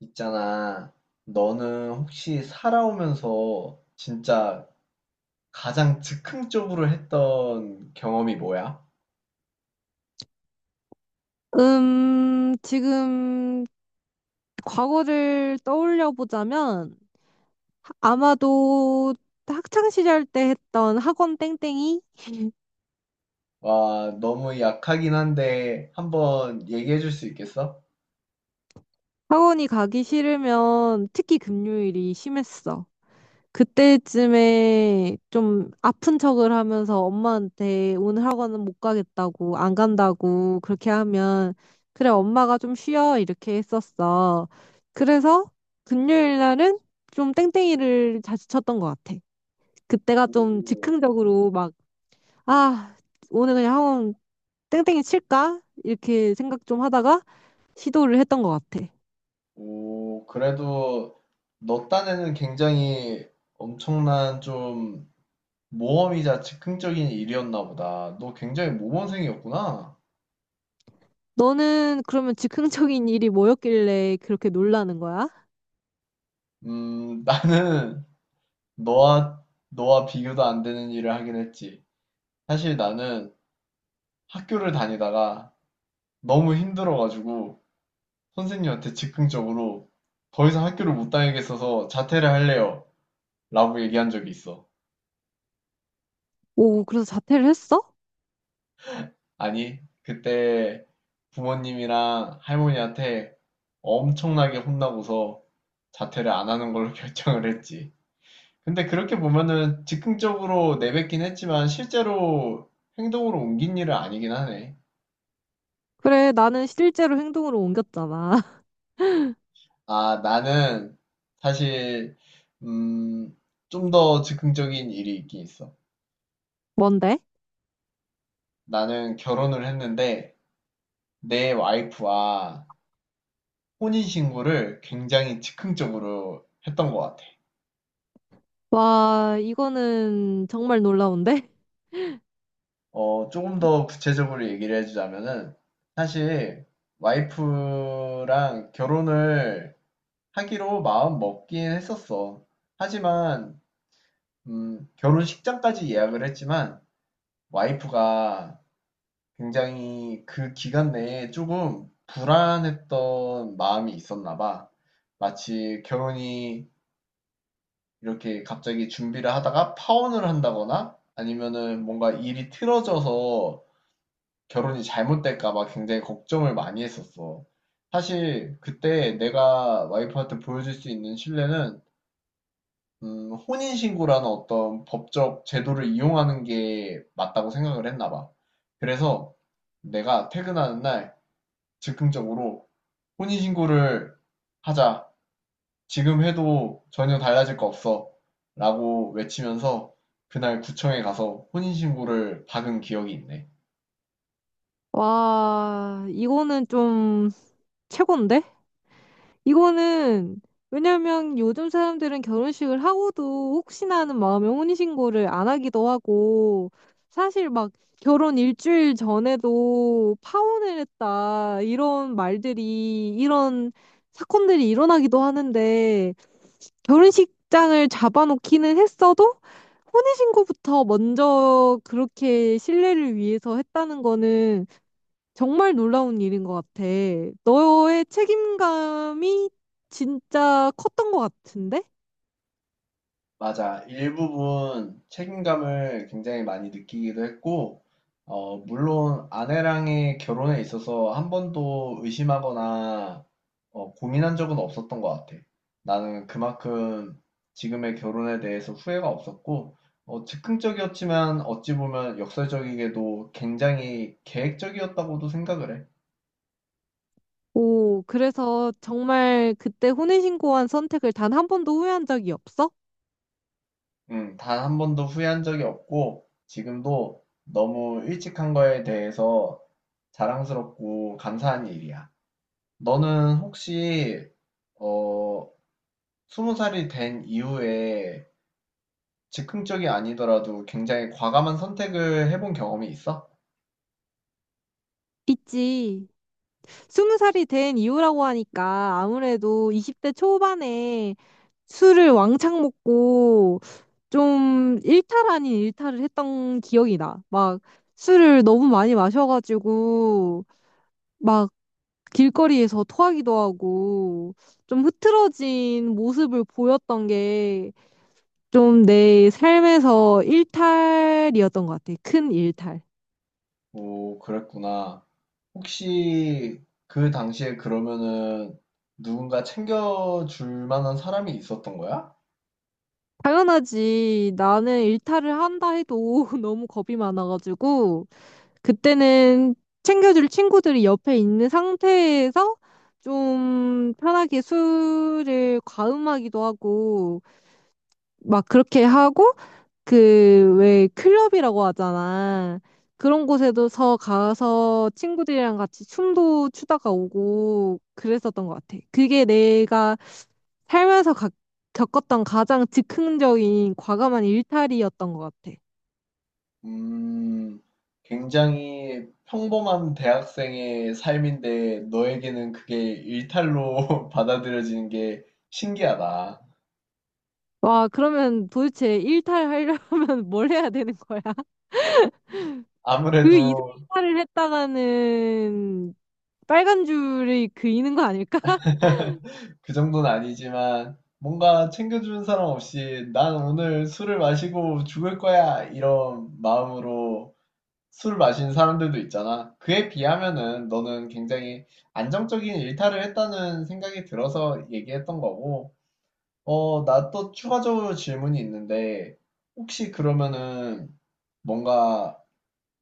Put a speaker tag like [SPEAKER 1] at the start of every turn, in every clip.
[SPEAKER 1] 있잖아. 너는 혹시 살아오면서 진짜 가장 즉흥적으로 했던 경험이 뭐야?
[SPEAKER 2] 지금 과거를 떠올려 보자면 아마도 학창 시절 때 했던 학원 땡땡이?
[SPEAKER 1] 와, 너무 약하긴 한데 한번 얘기해 줄 수 있겠어?
[SPEAKER 2] 학원이 가기 싫으면 특히 금요일이 심했어. 그때쯤에 좀 아픈 척을 하면서 엄마한테 오늘 학원은 못 가겠다고, 안 간다고 그렇게 하면 그래, 엄마가 좀 쉬어. 이렇게 했었어. 그래서 금요일 날은 좀 땡땡이를 자주 쳤던 것 같아. 그때가 좀
[SPEAKER 1] 오,
[SPEAKER 2] 즉흥적으로 막, 아, 오늘 그냥 학원 땡땡이 칠까? 이렇게 생각 좀 하다가 시도를 했던 것 같아.
[SPEAKER 1] 오, 그래도 너 딴에는 굉장히 엄청난 좀 모험이자 즉흥적인 일이었나 보다. 너 굉장히 모범생이었구나.
[SPEAKER 2] 너는 그러면 즉흥적인 일이 뭐였길래 그렇게 놀라는 거야?
[SPEAKER 1] 나는 너와 비교도 안 되는 일을 하긴 했지. 사실 나는 학교를 다니다가 너무 힘들어가지고 선생님한테 즉흥적으로 더 이상 학교를 못 다니겠어서 자퇴를 할래요. 라고 얘기한 적이 있어.
[SPEAKER 2] 오, 그래서 자퇴를 했어?
[SPEAKER 1] 아니, 그때 부모님이랑 할머니한테 엄청나게 혼나고서 자퇴를 안 하는 걸로 결정을 했지. 근데 그렇게 보면은 즉흥적으로 내뱉긴 했지만 실제로 행동으로 옮긴 일은 아니긴 하네.
[SPEAKER 2] 그래, 나는 실제로 행동으로 옮겼잖아.
[SPEAKER 1] 아, 나는 사실, 음, 좀 더 즉흥적인 일이 있긴 있어.
[SPEAKER 2] 뭔데?
[SPEAKER 1] 나는 결혼을 했는데, 내 와이프와 혼인신고를 굉장히 즉흥적으로 했던 것 같아.
[SPEAKER 2] 와, 이거는 정말 놀라운데?
[SPEAKER 1] 조금 더 구체적으로 얘기를 해주자면은, 사실, 와이프랑 결혼을 하기로 마음 먹긴 했었어. 하지만, 결혼식장까지 예약을 했지만, 와이프가 굉장히 그 기간 내에 조금 불안했던 마음이 있었나 봐. 마치 결혼이 이렇게 갑자기 준비를 하다가 파혼을 한다거나 아니면은 뭔가 일이 틀어져서 결혼이 잘못될까 봐 굉장히 걱정을 많이 했었어. 사실 그때 내가 와이프한테 보여줄 수 있는 신뢰는 혼인신고라는 어떤 법적 제도를 이용하는 게 맞다고 생각을 했나 봐. 그래서 내가 퇴근하는 날 즉흥적으로 "혼인신고를 하자. 지금 해도 전혀 달라질 거 없어." 라고 외치면서 그날 구청에 가서 혼인신고를 박은 기억이 있네.
[SPEAKER 2] 와, 이거는 좀 최고인데? 이거는 왜냐면 요즘 사람들은 결혼식을 하고도 혹시나 하는 마음에 혼인신고를 안 하기도 하고 사실 막 결혼 일주일 전에도 파혼을 했다 이런 말들이 이런 사건들이 일어나기도 하는데 결혼식장을 잡아놓기는 했어도 혼인신고부터 먼저 그렇게 신뢰를 위해서 했다는 거는 정말 놀라운 일인 것 같아. 너의 책임감이 진짜 컸던 것 같은데?
[SPEAKER 1] 맞아. 일부분 책임감을 굉장히 많이 느끼기도 했고, 물론 아내랑의 결혼에 있어서 한 번도 의심하거나 고민한 적은 없었던 것 같아. 나는 그만큼 지금의 결혼에 대해서 후회가 없었고, 즉흥적이었지만 어찌 보면 역설적이게도 굉장히 계획적이었다고도 생각을 해.
[SPEAKER 2] 오, 그래서 정말 그때 혼인신고한 선택을 단 한 번도 후회한 적이 없어?
[SPEAKER 1] 단 한 번도 후회한 적이 없고, 지금도 너무 일찍 한 거에 대해서 자랑스럽고 감사한 일이야. 너는 혹시 어, 스무 살이 된 이후에 즉흥적이 아니더라도 굉장히 과감한 선택을 해본 경험이 있어?
[SPEAKER 2] 있지. 스무 살이 된 이후라고 하니까 아무래도 20대 초반에 술을 왕창 먹고 좀 일탈 아닌 일탈을 했던 기억이 나. 막 술을 너무 많이 마셔가지고 막 길거리에서 토하기도 하고 좀 흐트러진 모습을 보였던 게 좀 내 삶에서 일탈이었던 것 같아. 큰 일탈.
[SPEAKER 1] 오, 그랬구나. 혹시 그 당시에 그러면은 누군가 챙겨줄 만한 사람이 있었던 거야?
[SPEAKER 2] 당연하지. 나는 일탈을 한다 해도 너무 겁이 많아가지고 그때는 챙겨줄 친구들이 옆에 있는 상태에서 좀 편하게 술을 과음하기도 하고 막 그렇게 하고 그, 왜, 클럽이라고 하잖아. 그런 곳에서 가서 친구들이랑 같이 춤도 추다가 오고 그랬었던 것 같아. 그게 내가 살면서 겪었던 가장 즉흥적인 과감한 일탈이었던 것 같아.
[SPEAKER 1] 음, 굉장히 평범한 대학생의 삶인데 너에게는 그게 일탈로 받아들여지는 게 신기하다.
[SPEAKER 2] 와, 그러면 도대체 일탈하려면 뭘 해야 되는 거야? 그
[SPEAKER 1] 아무래도
[SPEAKER 2] 일탈을 했다가는 빨간 줄이 그이는 거 아닐까?
[SPEAKER 1] 그 정도는 아니지만 뭔가 챙겨주는 사람 없이 난 오늘 술을 마시고 죽을 거야 이런 마음으로 술 마시는 사람들도 있잖아. 그에 비하면은 너는 굉장히 안정적인 일탈을 했다는 생각이 들어서 얘기했던 거고 나 또 추가적으로 질문이 있는데, 혹시 그러면은 뭔가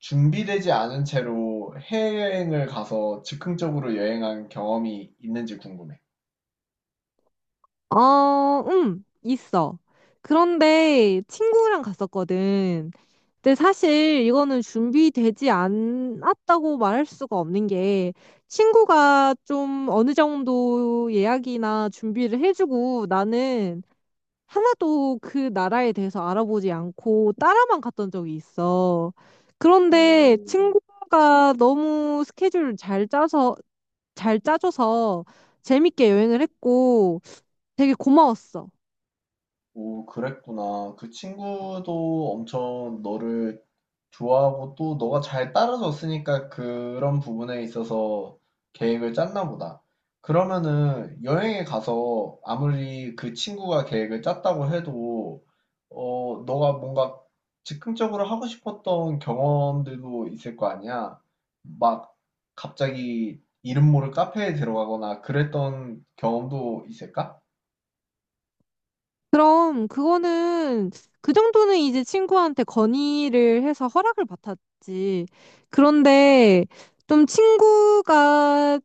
[SPEAKER 1] 준비되지 않은 채로 해외여행을 가서 즉흥적으로 여행한 경험이 있는지 궁금해.
[SPEAKER 2] 어, 있어. 그런데 친구랑 갔었거든. 근데 사실 이거는 준비되지 않았다고 말할 수가 없는 게 친구가 좀 어느 정도 예약이나 준비를 해주고 나는 하나도 그 나라에 대해서 알아보지 않고 따라만 갔던 적이 있어. 그런데
[SPEAKER 1] 오,
[SPEAKER 2] 친구가 너무 스케줄을 잘 짜서, 잘 짜줘서 재밌게 여행을 했고 되게 고마웠어.
[SPEAKER 1] 오, 그랬구나. 그 친구도 엄청 너를 좋아하고 또 너가 잘 따라줬으니까 그런 부분에 있어서 계획을 짰나 보다. 그러면은 여행에 가서 아무리 그 친구가 계획을 짰다고 해도 어 너가 뭔가 즉흥적으로 하고 싶었던 경험들도 있을 거 아니야. 막 갑자기 이름 모를 카페에 들어가거나 그랬던 경험도 있을까?
[SPEAKER 2] 그럼 그거는 그 정도는 이제 친구한테 건의를 해서 허락을 받았지. 그런데 좀 친구가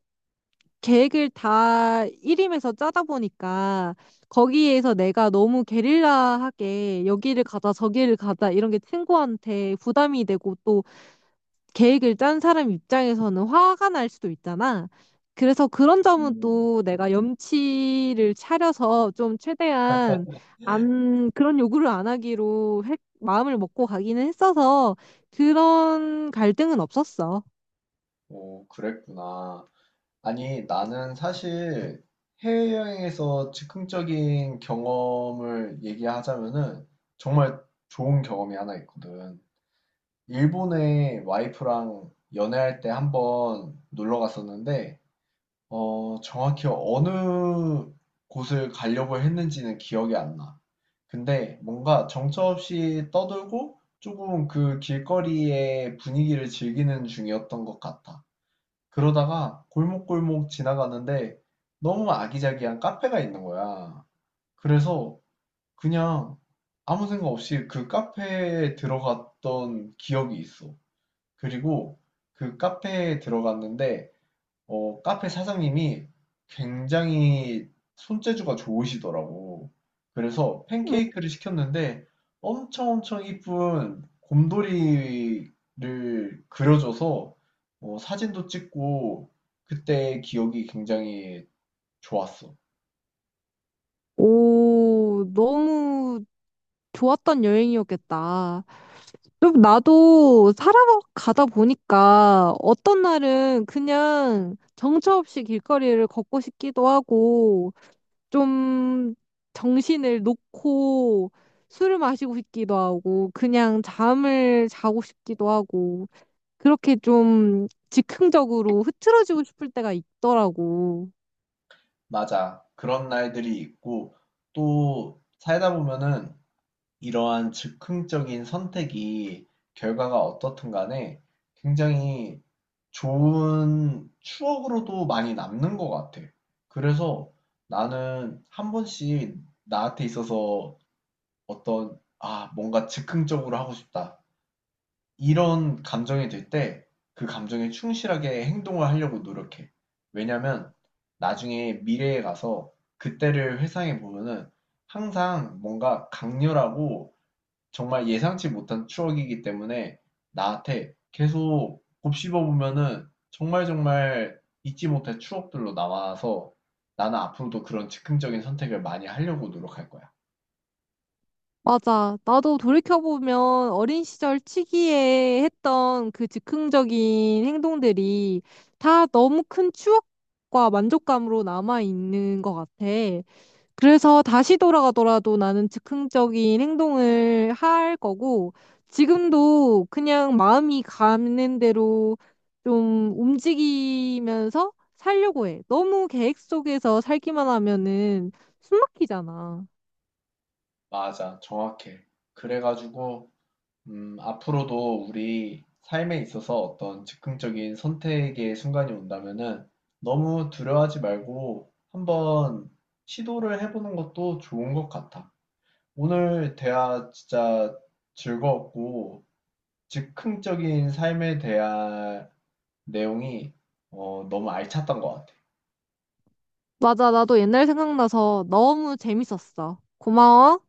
[SPEAKER 2] 계획을 다 일임해서 짜다 보니까 거기에서 내가 너무 게릴라하게 여기를 가자 저기를 가자 이런 게 친구한테 부담이 되고 계획을 짠 사람 입장에서는 화가 날 수도 있잖아. 그래서 그런 점은
[SPEAKER 1] 음,
[SPEAKER 2] 또 내가 염치를 차려서 좀 최대한 안, 그런 요구를 안 하기로 마음을 먹고 가기는 했어서 그런 갈등은 없었어.
[SPEAKER 1] 오, 그랬구나. 아니, 나는 사실 해외여행에서 즉흥적인 경험을 얘기하자면은 정말 좋은 경험이 하나 있거든. 일본에 와이프랑 연애할 때 한번 놀러 갔었는데, 정확히 어느 곳을 가려고 했는지는 기억이 안 나. 근데 뭔가 정처없이 떠들고 조금 그 길거리의 분위기를 즐기는 중이었던 것 같아. 그러다가 골목골목 지나가는데 너무 아기자기한 카페가 있는 거야. 그래서 그냥 아무 생각 없이 그 카페에 들어갔던 기억이 있어. 그리고 그 카페에 들어갔는데 카페 사장님이 굉장히 손재주가 좋으시더라고. 그래서
[SPEAKER 2] 음.
[SPEAKER 1] 팬케이크를 시켰는데 엄청 엄청 이쁜 곰돌이를 그려줘서 사진도 찍고 그때 기억이 굉장히 좋았어.
[SPEAKER 2] 오, 너무 좋았던 여행이었겠다. 좀 나도 살아가다 보니까 어떤 날은 그냥 정처 없이 길거리를 걷고 싶기도 하고 좀 정신을 놓고 술을 마시고 싶기도 하고 그냥 잠을 자고 싶기도 하고 그렇게 좀 즉흥적으로 흐트러지고 싶을 때가 있더라고.
[SPEAKER 1] 맞아. 그런 날들이 있고 또 살다 보면은 이러한 즉흥적인 선택이 결과가 어떻든 간에 굉장히 좋은 추억으로도 많이 남는 것 같아. 그래서 나는 한 번씩 나한테 있어서 어떤, 아, 뭔가 즉흥적으로 하고 싶다. 이런 감정이 들 때 그 감정에 충실하게 행동을 하려고 노력해. 왜냐면 나중에 미래에 가서 그때를 회상해 보면은 항상 뭔가 강렬하고 정말 예상치 못한 추억이기 때문에 나한테 계속 곱씹어 보면은 정말 정말 잊지 못할 추억들로 남아서 나는 앞으로도 그런 즉흥적인 선택을 많이 하려고 노력할 거야.
[SPEAKER 2] 맞아. 나도 돌이켜보면 어린 시절 치기에 했던 그 즉흥적인 행동들이 다 너무 큰 추억과 만족감으로 남아있는 것 같아. 그래서 다시 돌아가더라도 나는 즉흥적인 행동을 할 거고, 지금도 그냥 마음이 가는 대로 좀 움직이면서 살려고 해. 너무 계획 속에서 살기만 하면은 숨 막히잖아.
[SPEAKER 1] 맞아, 정확해. 그래가지고, 앞으로도 우리 삶에 있어서 어떤 즉흥적인 선택의 순간이 온다면은 너무 두려워하지 말고 한번 시도를 해보는 것도 좋은 것 같아. 오늘 대화 진짜 즐거웠고, 즉흥적인 삶에 대한 내용이 너무 알찼던 것 같아.
[SPEAKER 2] 맞아, 나도 옛날 생각나서 너무 재밌었어. 고마워.